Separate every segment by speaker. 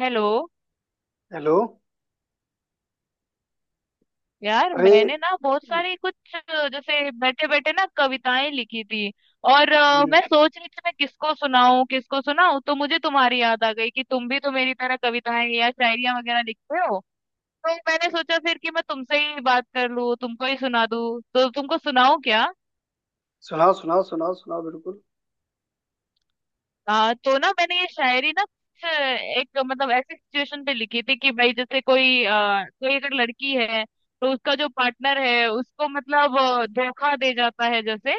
Speaker 1: Hello.
Speaker 2: Hello.
Speaker 1: यार
Speaker 2: अरे।
Speaker 1: मैंने ना बहुत सारी कुछ जैसे बैठे बैठे ना कविताएं लिखी थी। और
Speaker 2: हम्म,
Speaker 1: मैं सोच रही थी मैं किसको सुनाऊं, किसको सुनाऊं, तो मुझे तुम्हारी याद आ गई कि तुम भी तो मेरी तरह कविताएं या शायरियां वगैरह लिखते हो। तो मैंने सोचा फिर कि मैं तुमसे ही बात कर लूं, तुमको ही सुना दूं, तो तुमको सुनाऊं क्या?
Speaker 2: सुनाओ सुनाओ सुनाओ सुनाओ बिल्कुल।
Speaker 1: हाँ, तो ना मैंने ये शायरी ना कुछ एक, मतलब ऐसी सिचुएशन पे लिखी थी कि भाई जैसे कोई अगर लड़की है तो उसका जो पार्टनर है उसको मतलब धोखा दे जाता है जैसे।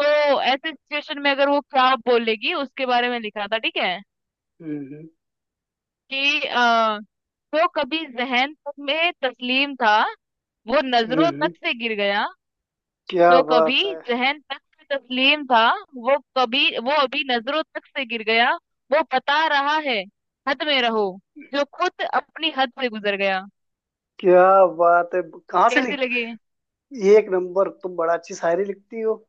Speaker 1: तो ऐसे सिचुएशन में अगर वो क्या बोलेगी उसके बारे में लिखा था। ठीक है
Speaker 2: हम्म
Speaker 1: कि वो कभी जहन तक में तस्लीम था, वो नजरों
Speaker 2: हम्म।
Speaker 1: तक से गिर गया।
Speaker 2: क्या
Speaker 1: जो कभी
Speaker 2: बात है।
Speaker 1: जहन तक से तस्लीम था, वो कभी, वो अभी नजरों तक से गिर गया। वो बता रहा है, हद में रहो जो खुद अपनी हद से गुजर गया।
Speaker 2: क्या बात है। कहाँ से
Speaker 1: कैसे
Speaker 2: लिख।
Speaker 1: लगे?
Speaker 2: एक नंबर। तुम बड़ा अच्छी शायरी लिखती हो।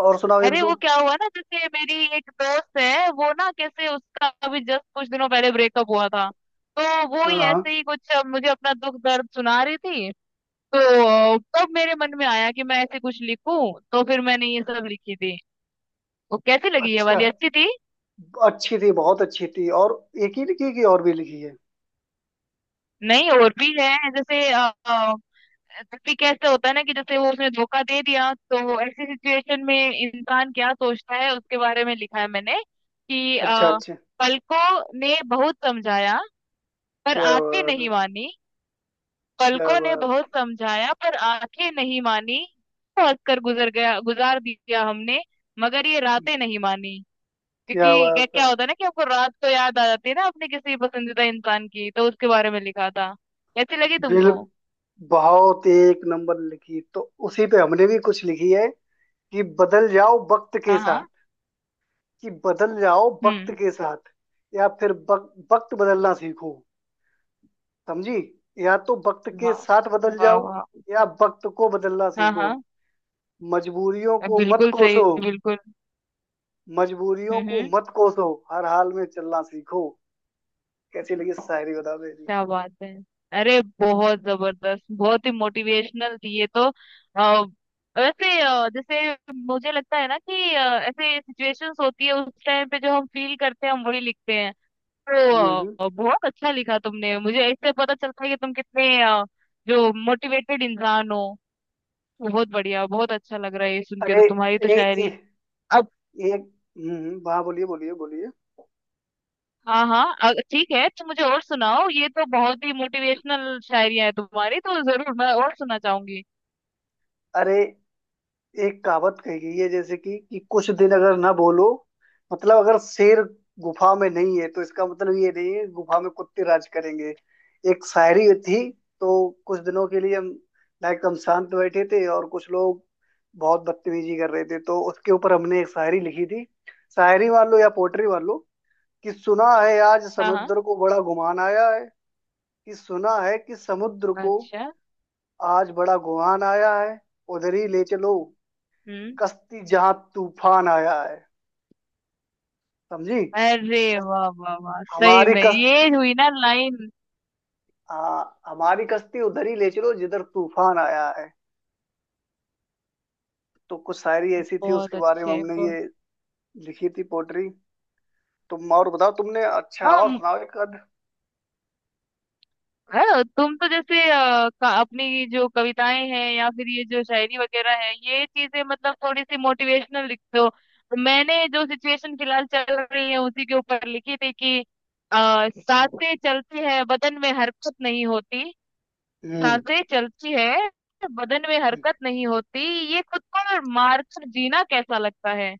Speaker 2: और सुनाओ एक
Speaker 1: अरे
Speaker 2: दो।
Speaker 1: वो क्या हुआ ना, जैसे मेरी एक दोस्त है वो, ना कैसे उसका अभी जस्ट कुछ दिनों पहले ब्रेकअप हुआ था, तो वो
Speaker 2: हाँ
Speaker 1: ही
Speaker 2: हाँ।
Speaker 1: ऐसे ही कुछ मुझे अपना दुख दर्द सुना रही थी। तो तब मेरे मन में आया कि मैं ऐसे कुछ लिखूं, तो फिर मैंने ये सब लिखी थी। वो कैसी लगी? ये
Speaker 2: अच्छा।
Speaker 1: वाली अच्छी थी?
Speaker 2: अच्छी थी बहुत अच्छी थी। और एक ही लिखी की और भी लिखी है।
Speaker 1: नहीं, और भी है। जैसे भी कैसे होता है ना कि जैसे वो उसने धोखा दे दिया, तो ऐसी सिचुएशन में इंसान क्या सोचता है उसके बारे में लिखा है मैंने कि
Speaker 2: अच्छा अच्छा।
Speaker 1: पलकों ने बहुत समझाया पर
Speaker 2: क्या
Speaker 1: आंखें
Speaker 2: बात है।
Speaker 1: नहीं मानी।
Speaker 2: क्या
Speaker 1: पलकों ने
Speaker 2: बात।
Speaker 1: बहुत समझाया पर आंखें नहीं मानी। तो हंसकर गुजर गया, गुजार दिया हमने, मगर ये रातें नहीं मानी।
Speaker 2: क्या
Speaker 1: क्योंकि क्या
Speaker 2: बात है।
Speaker 1: क्या होता है ना कि आपको रात को याद आ जाती है ना अपने किसी पसंदीदा इंसान की, तो उसके बारे में लिखा था। कैसी लगी
Speaker 2: बिल
Speaker 1: तुमको?
Speaker 2: बहुत एक नंबर लिखी। तो उसी पे हमने भी कुछ लिखी है कि बदल जाओ वक्त के
Speaker 1: हाँ, हाँ।
Speaker 2: साथ। कि बदल जाओ वक्त
Speaker 1: हम्म।
Speaker 2: के साथ या फिर वक्त बदलना सीखो। समझी। या तो वक्त के
Speaker 1: वाह,
Speaker 2: साथ बदल
Speaker 1: वाह,
Speaker 2: जाओ
Speaker 1: वाह।
Speaker 2: या वक्त को बदलना
Speaker 1: हाँ,
Speaker 2: सीखो।
Speaker 1: हाँ,
Speaker 2: मजबूरियों को मत
Speaker 1: बिल्कुल सही,
Speaker 2: कोसो।
Speaker 1: बिल्कुल।
Speaker 2: मजबूरियों
Speaker 1: हम्म,
Speaker 2: को
Speaker 1: हम्म।
Speaker 2: मत कोसो हर हाल में चलना सीखो। कैसी लगी शायरी बता मेरी।
Speaker 1: क्या बात है। अरे बहुत जबरदस्त, बहुत ही मोटिवेशनल थी ये तो। आ, वैसे जैसे मुझे लगता है ना कि ऐसे सिचुएशंस होती है उस टाइम पे जो हम फील करते हैं, हम वही लिखते हैं।
Speaker 2: हम्म।
Speaker 1: तो बहुत अच्छा लिखा तुमने। मुझे इससे पता चलता है कि तुम कितने जो मोटिवेटेड इंसान हो। बहुत बढ़िया, बहुत अच्छा लग रहा है ये सुन के।
Speaker 2: अरे
Speaker 1: तो तुम्हारी तो
Speaker 2: ए, ए,
Speaker 1: शायरी।
Speaker 2: एक। हम्म, वाह, बोलिए बोलिए बोलिए।
Speaker 1: हाँ, हाँ, ठीक है। तो मुझे और सुनाओ, ये तो बहुत ही मोटिवेशनल शायरियां है तुम्हारी, तो जरूर मैं और सुनना चाहूंगी।
Speaker 2: अरे एक कहावत कही गई है जैसे कि कुछ दिन अगर ना बोलो मतलब अगर शेर गुफा में नहीं है तो इसका मतलब ये नहीं है गुफा में कुत्ते राज करेंगे। एक शायरी थी। तो कुछ दिनों के लिए हम लाइक हम शांत बैठे थे और कुछ लोग बहुत बदतमीजी कर रहे थे। तो उसके ऊपर हमने एक शायरी लिखी थी शायरी वालों या पोएट्री वालों। कि सुना है आज
Speaker 1: हाँ, हाँ।
Speaker 2: समुद्र को बड़ा गुमान आया है। कि सुना है कि समुद्र को
Speaker 1: अच्छा।
Speaker 2: आज बड़ा गुमान आया है। उधर ही ले चलो
Speaker 1: हम्म।
Speaker 2: कश्ती जहां तूफान आया है। समझी।
Speaker 1: अरे वाह, वाह, वाह, सही
Speaker 2: हमारी
Speaker 1: में ये
Speaker 2: कश्ती।
Speaker 1: हुई ना लाइन।
Speaker 2: हाँ, हमारी कश्ती उधर ही ले चलो जिधर तूफान आया है। तो कुछ शायरी ऐसी थी
Speaker 1: बहुत
Speaker 2: उसके बारे में
Speaker 1: अच्छे,
Speaker 2: हमने
Speaker 1: बहुत।
Speaker 2: ये लिखी थी पोट्री। तुम और बताओ। तुमने अच्छा और सुनाओ एक आध।
Speaker 1: अरे तुम तो जैसे अपनी जो कविताएं हैं या फिर ये जो शायरी वगैरह है, ये चीजें मतलब थोड़ी सी मोटिवेशनल लिखते हो। मैंने जो सिचुएशन फिलहाल चल रही है उसी के ऊपर लिखी थी कि सांसें चलती है, बदन में हरकत नहीं होती।
Speaker 2: हम्म
Speaker 1: सांसें चलती है, बदन में
Speaker 2: हम्म।
Speaker 1: हरकत नहीं होती। ये खुद को मारकर जीना कैसा लगता है?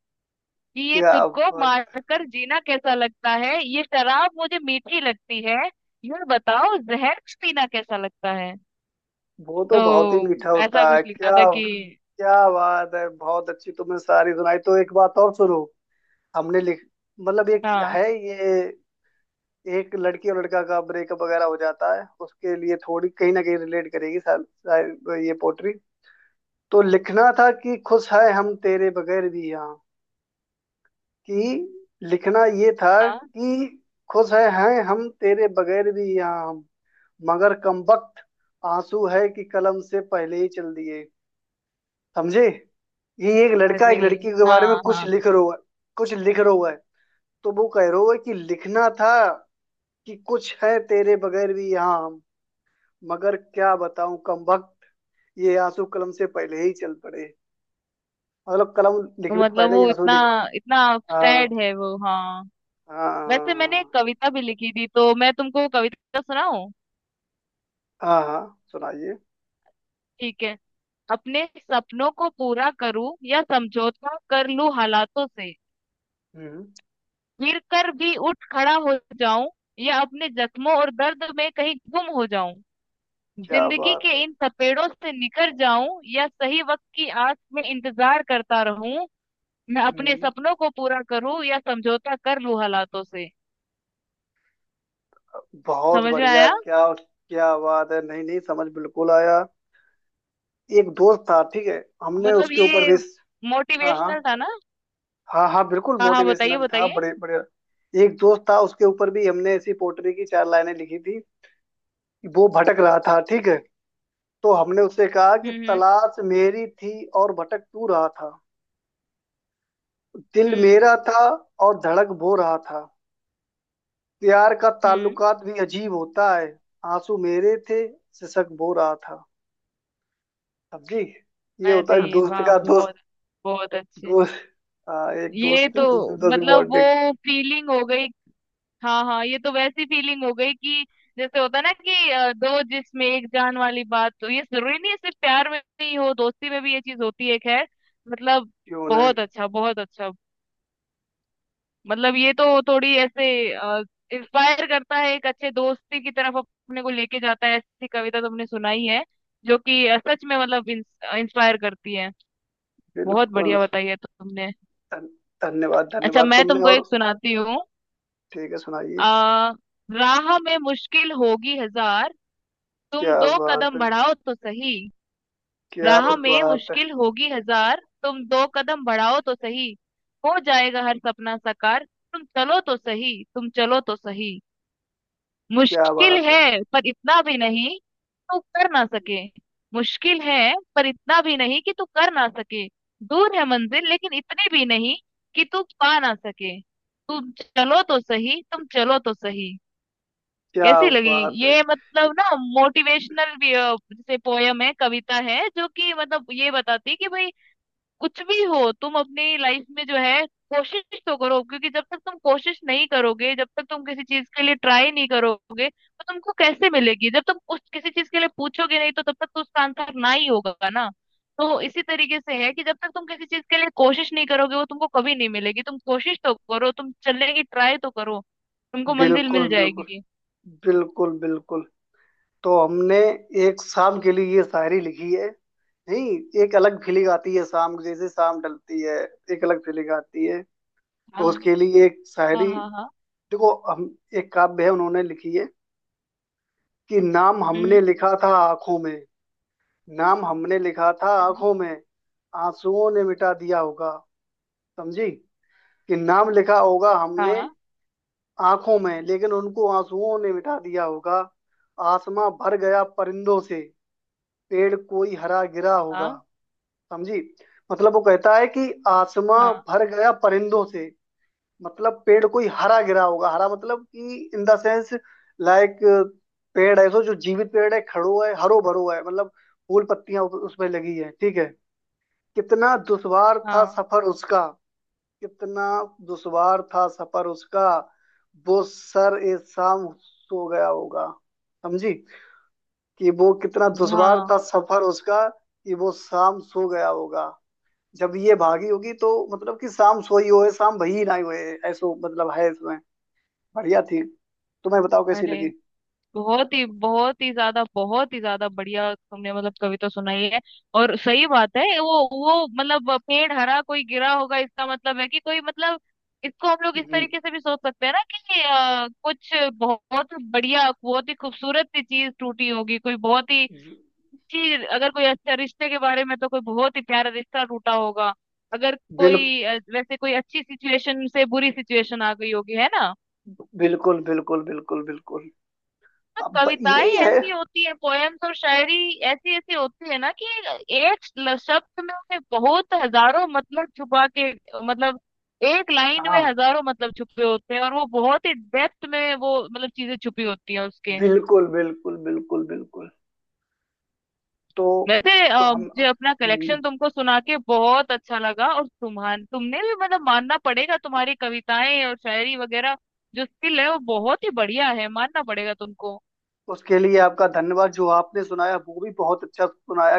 Speaker 1: कि ये
Speaker 2: क्या
Speaker 1: खुद को
Speaker 2: बात।
Speaker 1: मारकर जीना कैसा लगता है, ये शराब मुझे मीठी लगती है, यह बताओ जहर पीना कैसा लगता है।
Speaker 2: वो तो बहुत ही
Speaker 1: तो
Speaker 2: मीठा
Speaker 1: ऐसा
Speaker 2: होता है
Speaker 1: कुछ
Speaker 2: क्या।
Speaker 1: लिखा था कि।
Speaker 2: क्या बात है। बहुत अच्छी तुमने शायरी सुनाई। तो एक बात और सुनो। हमने लिख। मतलब एक
Speaker 1: हाँ,
Speaker 2: है ये। एक लड़की और लड़का का ब्रेकअप वगैरह हो जाता है उसके लिए थोड़ी कहीं ना कहीं रिलेट करेगी शायद। शायद ये पोट्री। तो लिखना था कि खुश है हम तेरे बगैर भी यहाँ। कि लिखना ये था
Speaker 1: हाँ।
Speaker 2: कि खुश है हैं हम तेरे बगैर भी यहाँ हम। मगर कमबख्त आंसू है कि कलम से पहले ही चल दिए। समझे। ये एक लड़का एक
Speaker 1: अरे,
Speaker 2: लड़की के बारे में
Speaker 1: हाँ,
Speaker 2: कुछ
Speaker 1: हाँ,
Speaker 2: लिख रहा है। कुछ लिख रहा है। तो वो कह रहा है कि लिखना था कि कुछ है तेरे बगैर भी यहाँ हम। मगर क्या बताऊं कमबख्त ये आंसू कलम से पहले ही चल पड़े। मतलब कलम
Speaker 1: तो
Speaker 2: लिखने से
Speaker 1: मतलब
Speaker 2: पहले ही
Speaker 1: वो
Speaker 2: आंसू
Speaker 1: इतना
Speaker 2: लिख।
Speaker 1: इतना
Speaker 2: हाँ
Speaker 1: सैड है वो। हाँ।
Speaker 2: हाँ
Speaker 1: वैसे मैंने एक
Speaker 2: हाँ
Speaker 1: कविता भी लिखी थी, तो मैं तुमको कविता सुनाऊं?
Speaker 2: हाँ हाँ, सुनाइए।
Speaker 1: ठीक है। अपने सपनों को पूरा करूं या समझौता कर लूं हालातों से,
Speaker 2: हम्म।
Speaker 1: गिर कर भी उठ खड़ा हो जाऊं या अपने जख्मों और दर्द में कहीं गुम हो जाऊं,
Speaker 2: क्या
Speaker 1: जिंदगी
Speaker 2: बात
Speaker 1: के
Speaker 2: है।
Speaker 1: इन थपेड़ों से निकल जाऊं या सही वक्त की आस में इंतजार करता रहूं, मैं अपने
Speaker 2: हम्म।
Speaker 1: सपनों को पूरा करूं या समझौता कर लूं हालातों से।
Speaker 2: बहुत
Speaker 1: समझ में
Speaker 2: बढ़िया
Speaker 1: आया?
Speaker 2: क्या। क्या बात है। नहीं नहीं, समझ बिल्कुल आया। एक दोस्त था ठीक है। हमने
Speaker 1: मतलब
Speaker 2: उसके ऊपर
Speaker 1: ये
Speaker 2: भी। हाँ हाँ।
Speaker 1: मोटिवेशनल था ना।
Speaker 2: हाँ हाँ बिल्कुल
Speaker 1: हाँ, हाँ, बताइए,
Speaker 2: मोटिवेशनल था
Speaker 1: बताइए।
Speaker 2: बड़े बड़े। एक दोस्त था उसके ऊपर भी हमने ऐसी पोट्री की चार लाइनें लिखी थी। वो भटक रहा था ठीक है। तो हमने उससे कहा कि
Speaker 1: हम्म, हम्म,
Speaker 2: तलाश मेरी थी और भटक तू रहा था। दिल
Speaker 1: हम्म,
Speaker 2: मेरा था और धड़क वो रहा था। प्यार का
Speaker 1: हम्म।
Speaker 2: ताल्लुकात भी अजीब होता है। आंसू मेरे थे सिसक वो रहा था। समझी। ये होता है एक
Speaker 1: अरे
Speaker 2: दोस्त
Speaker 1: वाह,
Speaker 2: का
Speaker 1: बहुत,
Speaker 2: दोस्त।
Speaker 1: बहुत अच्छे।
Speaker 2: दोस्त, एक दोस्त
Speaker 1: ये तो
Speaker 2: है, दूसरे दोस्त की
Speaker 1: मतलब
Speaker 2: बॉन्डिंग।
Speaker 1: वो फीलिंग हो गई। हाँ, हाँ, ये तो वैसी फीलिंग हो गई कि जैसे होता है ना कि दो जिसमें एक जान वाली बात तो ये जरूरी नहीं है सिर्फ प्यार में ही हो, दोस्ती में भी ये चीज होती है। खैर, मतलब
Speaker 2: क्यों नहीं।
Speaker 1: बहुत अच्छा, बहुत अच्छा। मतलब ये तो थोड़ी ऐसे इंस्पायर करता है, एक अच्छे दोस्ती की तरफ अपने को लेके जाता है, ऐसी कविता तुमने सुनाई है जो कि सच में मतलब इंस्पायर करती है। बहुत
Speaker 2: बिल्कुल।
Speaker 1: बढ़िया बताई है तुमने।
Speaker 2: धन, धन्यवाद
Speaker 1: अच्छा,
Speaker 2: धन्यवाद।
Speaker 1: मैं
Speaker 2: तुमने
Speaker 1: तुमको
Speaker 2: और।
Speaker 1: एक सुनाती हूँ।
Speaker 2: ठीक है,
Speaker 1: अ,
Speaker 2: सुनाइए।
Speaker 1: राह में मुश्किल होगी हजार, तुम
Speaker 2: क्या
Speaker 1: दो
Speaker 2: बात
Speaker 1: कदम
Speaker 2: है।
Speaker 1: बढ़ाओ तो सही।
Speaker 2: क्या
Speaker 1: राह में
Speaker 2: बात है।
Speaker 1: मुश्किल होगी हजार, तुम दो कदम बढ़ाओ तो सही, हो जाएगा हर सपना साकार, तुम चलो तो सही, तुम चलो तो सही।
Speaker 2: क्या
Speaker 1: मुश्किल
Speaker 2: बात
Speaker 1: है
Speaker 2: है।
Speaker 1: पर इतना भी नहीं तू कर ना सके। मुश्किल है पर इतना भी नहीं कि तू कर ना सके, दूर है मंजिल लेकिन इतनी भी नहीं कि तू पा ना सके, तुम चलो तो सही, तुम चलो तो सही।
Speaker 2: क्या
Speaker 1: कैसी लगी?
Speaker 2: बात है।
Speaker 1: ये मतलब ना मोटिवेशनल भी जैसे पोयम है, कविता है जो कि मतलब ये बताती है कि भाई, कुछ भी हो तुम अपनी लाइफ में जो है, कोशिश तो करो। क्योंकि जब तक तुम कोशिश नहीं करोगे, जब तक तुम किसी चीज के लिए ट्राई नहीं करोगे, तो तुमको कैसे मिलेगी? जब तुम उस किसी चीज के लिए पूछोगे नहीं तो तब तक तो उसका आंसर ना ही होगा ना। तो इसी तरीके से है कि जब तक तुम किसी चीज के लिए कोशिश नहीं करोगे वो तुमको कभी नहीं मिलेगी, तुम कोशिश तो करो, तुम चलने की ट्राई तो करो, तुमको मंजिल
Speaker 2: बिल्कुल
Speaker 1: मिल
Speaker 2: बिल्कुल
Speaker 1: जाएगी।
Speaker 2: बिल्कुल बिल्कुल। तो हमने एक शाम के लिए ये शायरी लिखी है। नहीं, एक अलग फीलिंग आती है शाम, जैसे शाम ढलती है। एक अलग फीलिंग आती है।
Speaker 1: हाँ,
Speaker 2: तो उसके लिए एक
Speaker 1: हाँ,
Speaker 2: शायरी।
Speaker 1: हाँ, हाँ।
Speaker 2: देखो हम, एक काव्य है उन्होंने लिखी है। कि नाम
Speaker 1: हम्म,
Speaker 2: हमने लिखा था आंखों में। नाम हमने लिखा था
Speaker 1: हम्म,
Speaker 2: आंखों में, आंसुओं ने मिटा दिया होगा। समझी। कि नाम लिखा होगा हमने
Speaker 1: हाँ,
Speaker 2: आंखों में, लेकिन उनको आंसुओं ने मिटा दिया होगा। आसमां भर गया परिंदों से, पेड़ कोई हरा गिरा होगा।
Speaker 1: हाँ,
Speaker 2: समझी। मतलब वो कहता है कि आसमां
Speaker 1: हाँ,
Speaker 2: भर गया परिंदों से। मतलब पेड़ कोई हरा गिरा होगा। हरा मतलब कि इन द सेंस लाइक, पेड़ ऐसो जो जीवित पेड़ है, खड़ो है, हरो भरो है। मतलब फूल पत्तियां उसमें लगी है, ठीक है। कितना दुश्वार था
Speaker 1: हाँ।
Speaker 2: सफर उसका। कितना दुश्वार था सफर उसका, वो सर ए शाम सो गया होगा। समझी। कि वो कितना
Speaker 1: अरे
Speaker 2: दुश्वार
Speaker 1: हाँ।
Speaker 2: था सफर उसका कि वो शाम सो गया होगा। जब ये भागी होगी, तो मतलब कि शाम सोई होए शाम भई ना होए। ऐसो मतलब है इसमें। बढ़िया थी। तुम्हें बताओ कैसी
Speaker 1: अरे
Speaker 2: लगी।
Speaker 1: बहुत ही, बहुत ही ज्यादा, बहुत ही ज्यादा बढ़िया तुमने मतलब कविता सुनाई है। और सही बात है, वो मतलब पेड़ हरा कोई गिरा होगा इसका मतलब है कि कोई, मतलब इसको हम लोग इस
Speaker 2: हम्म,
Speaker 1: तरीके से भी सोच सकते हैं ना कि कुछ बहुत बढ़िया, बहुत ही खूबसूरत सी चीज टूटी होगी कोई, बहुत ही अच्छी। अगर कोई अच्छा रिश्ते के बारे में तो कोई बहुत ही प्यारा रिश्ता टूटा होगा। अगर
Speaker 2: बिल
Speaker 1: कोई वैसे कोई अच्छी सिचुएशन से बुरी सिचुएशन आ गई होगी, है ना?
Speaker 2: बिल्कुल बिल्कुल बिल्कुल बिल्कुल।
Speaker 1: तो
Speaker 2: अब यही
Speaker 1: कविताएं
Speaker 2: है।
Speaker 1: ऐसी होती है, पोएम्स और शायरी ऐसी ऐसी होती है ना कि एक शब्द में उन्हें बहुत हजारों मतलब छुपा के, मतलब एक लाइन में
Speaker 2: हाँ
Speaker 1: हजारों मतलब छुपे होते हैं और वो बहुत ही डेप्थ में वो मतलब चीजें छुपी होती हैं उसके।
Speaker 2: बिल्कुल बिल्कुल बिल्कुल बिल्कुल। तो
Speaker 1: वैसे
Speaker 2: तो हम
Speaker 1: मुझे अपना कलेक्शन तुमको सुना के बहुत अच्छा लगा। और तुम्हारे तुमने भी मतलब मानना पड़ेगा, तुम्हारी कविताएं और शायरी वगैरह जो स्किल है वो बहुत ही बढ़िया है, मानना पड़ेगा तुमको।
Speaker 2: उसके लिए आपका धन्यवाद, जो आपने सुनाया वो भी बहुत अच्छा सुनाया।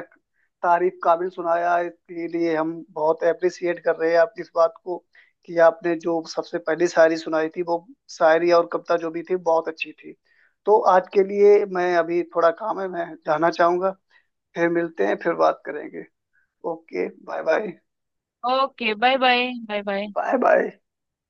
Speaker 2: तारीफ काबिल सुनाया। इसके लिए हम बहुत अप्रिसिएट कर रहे हैं आपकी इस बात को। कि आपने जो सबसे पहली शायरी सुनाई थी, वो शायरी और कविता जो भी थी बहुत अच्छी थी। तो आज के लिए, मैं अभी थोड़ा काम है, मैं जाना चाहूंगा। फिर मिलते हैं, फिर बात करेंगे। Okay, bye bye
Speaker 1: okay bye bye, bye bye.
Speaker 2: Bye bye.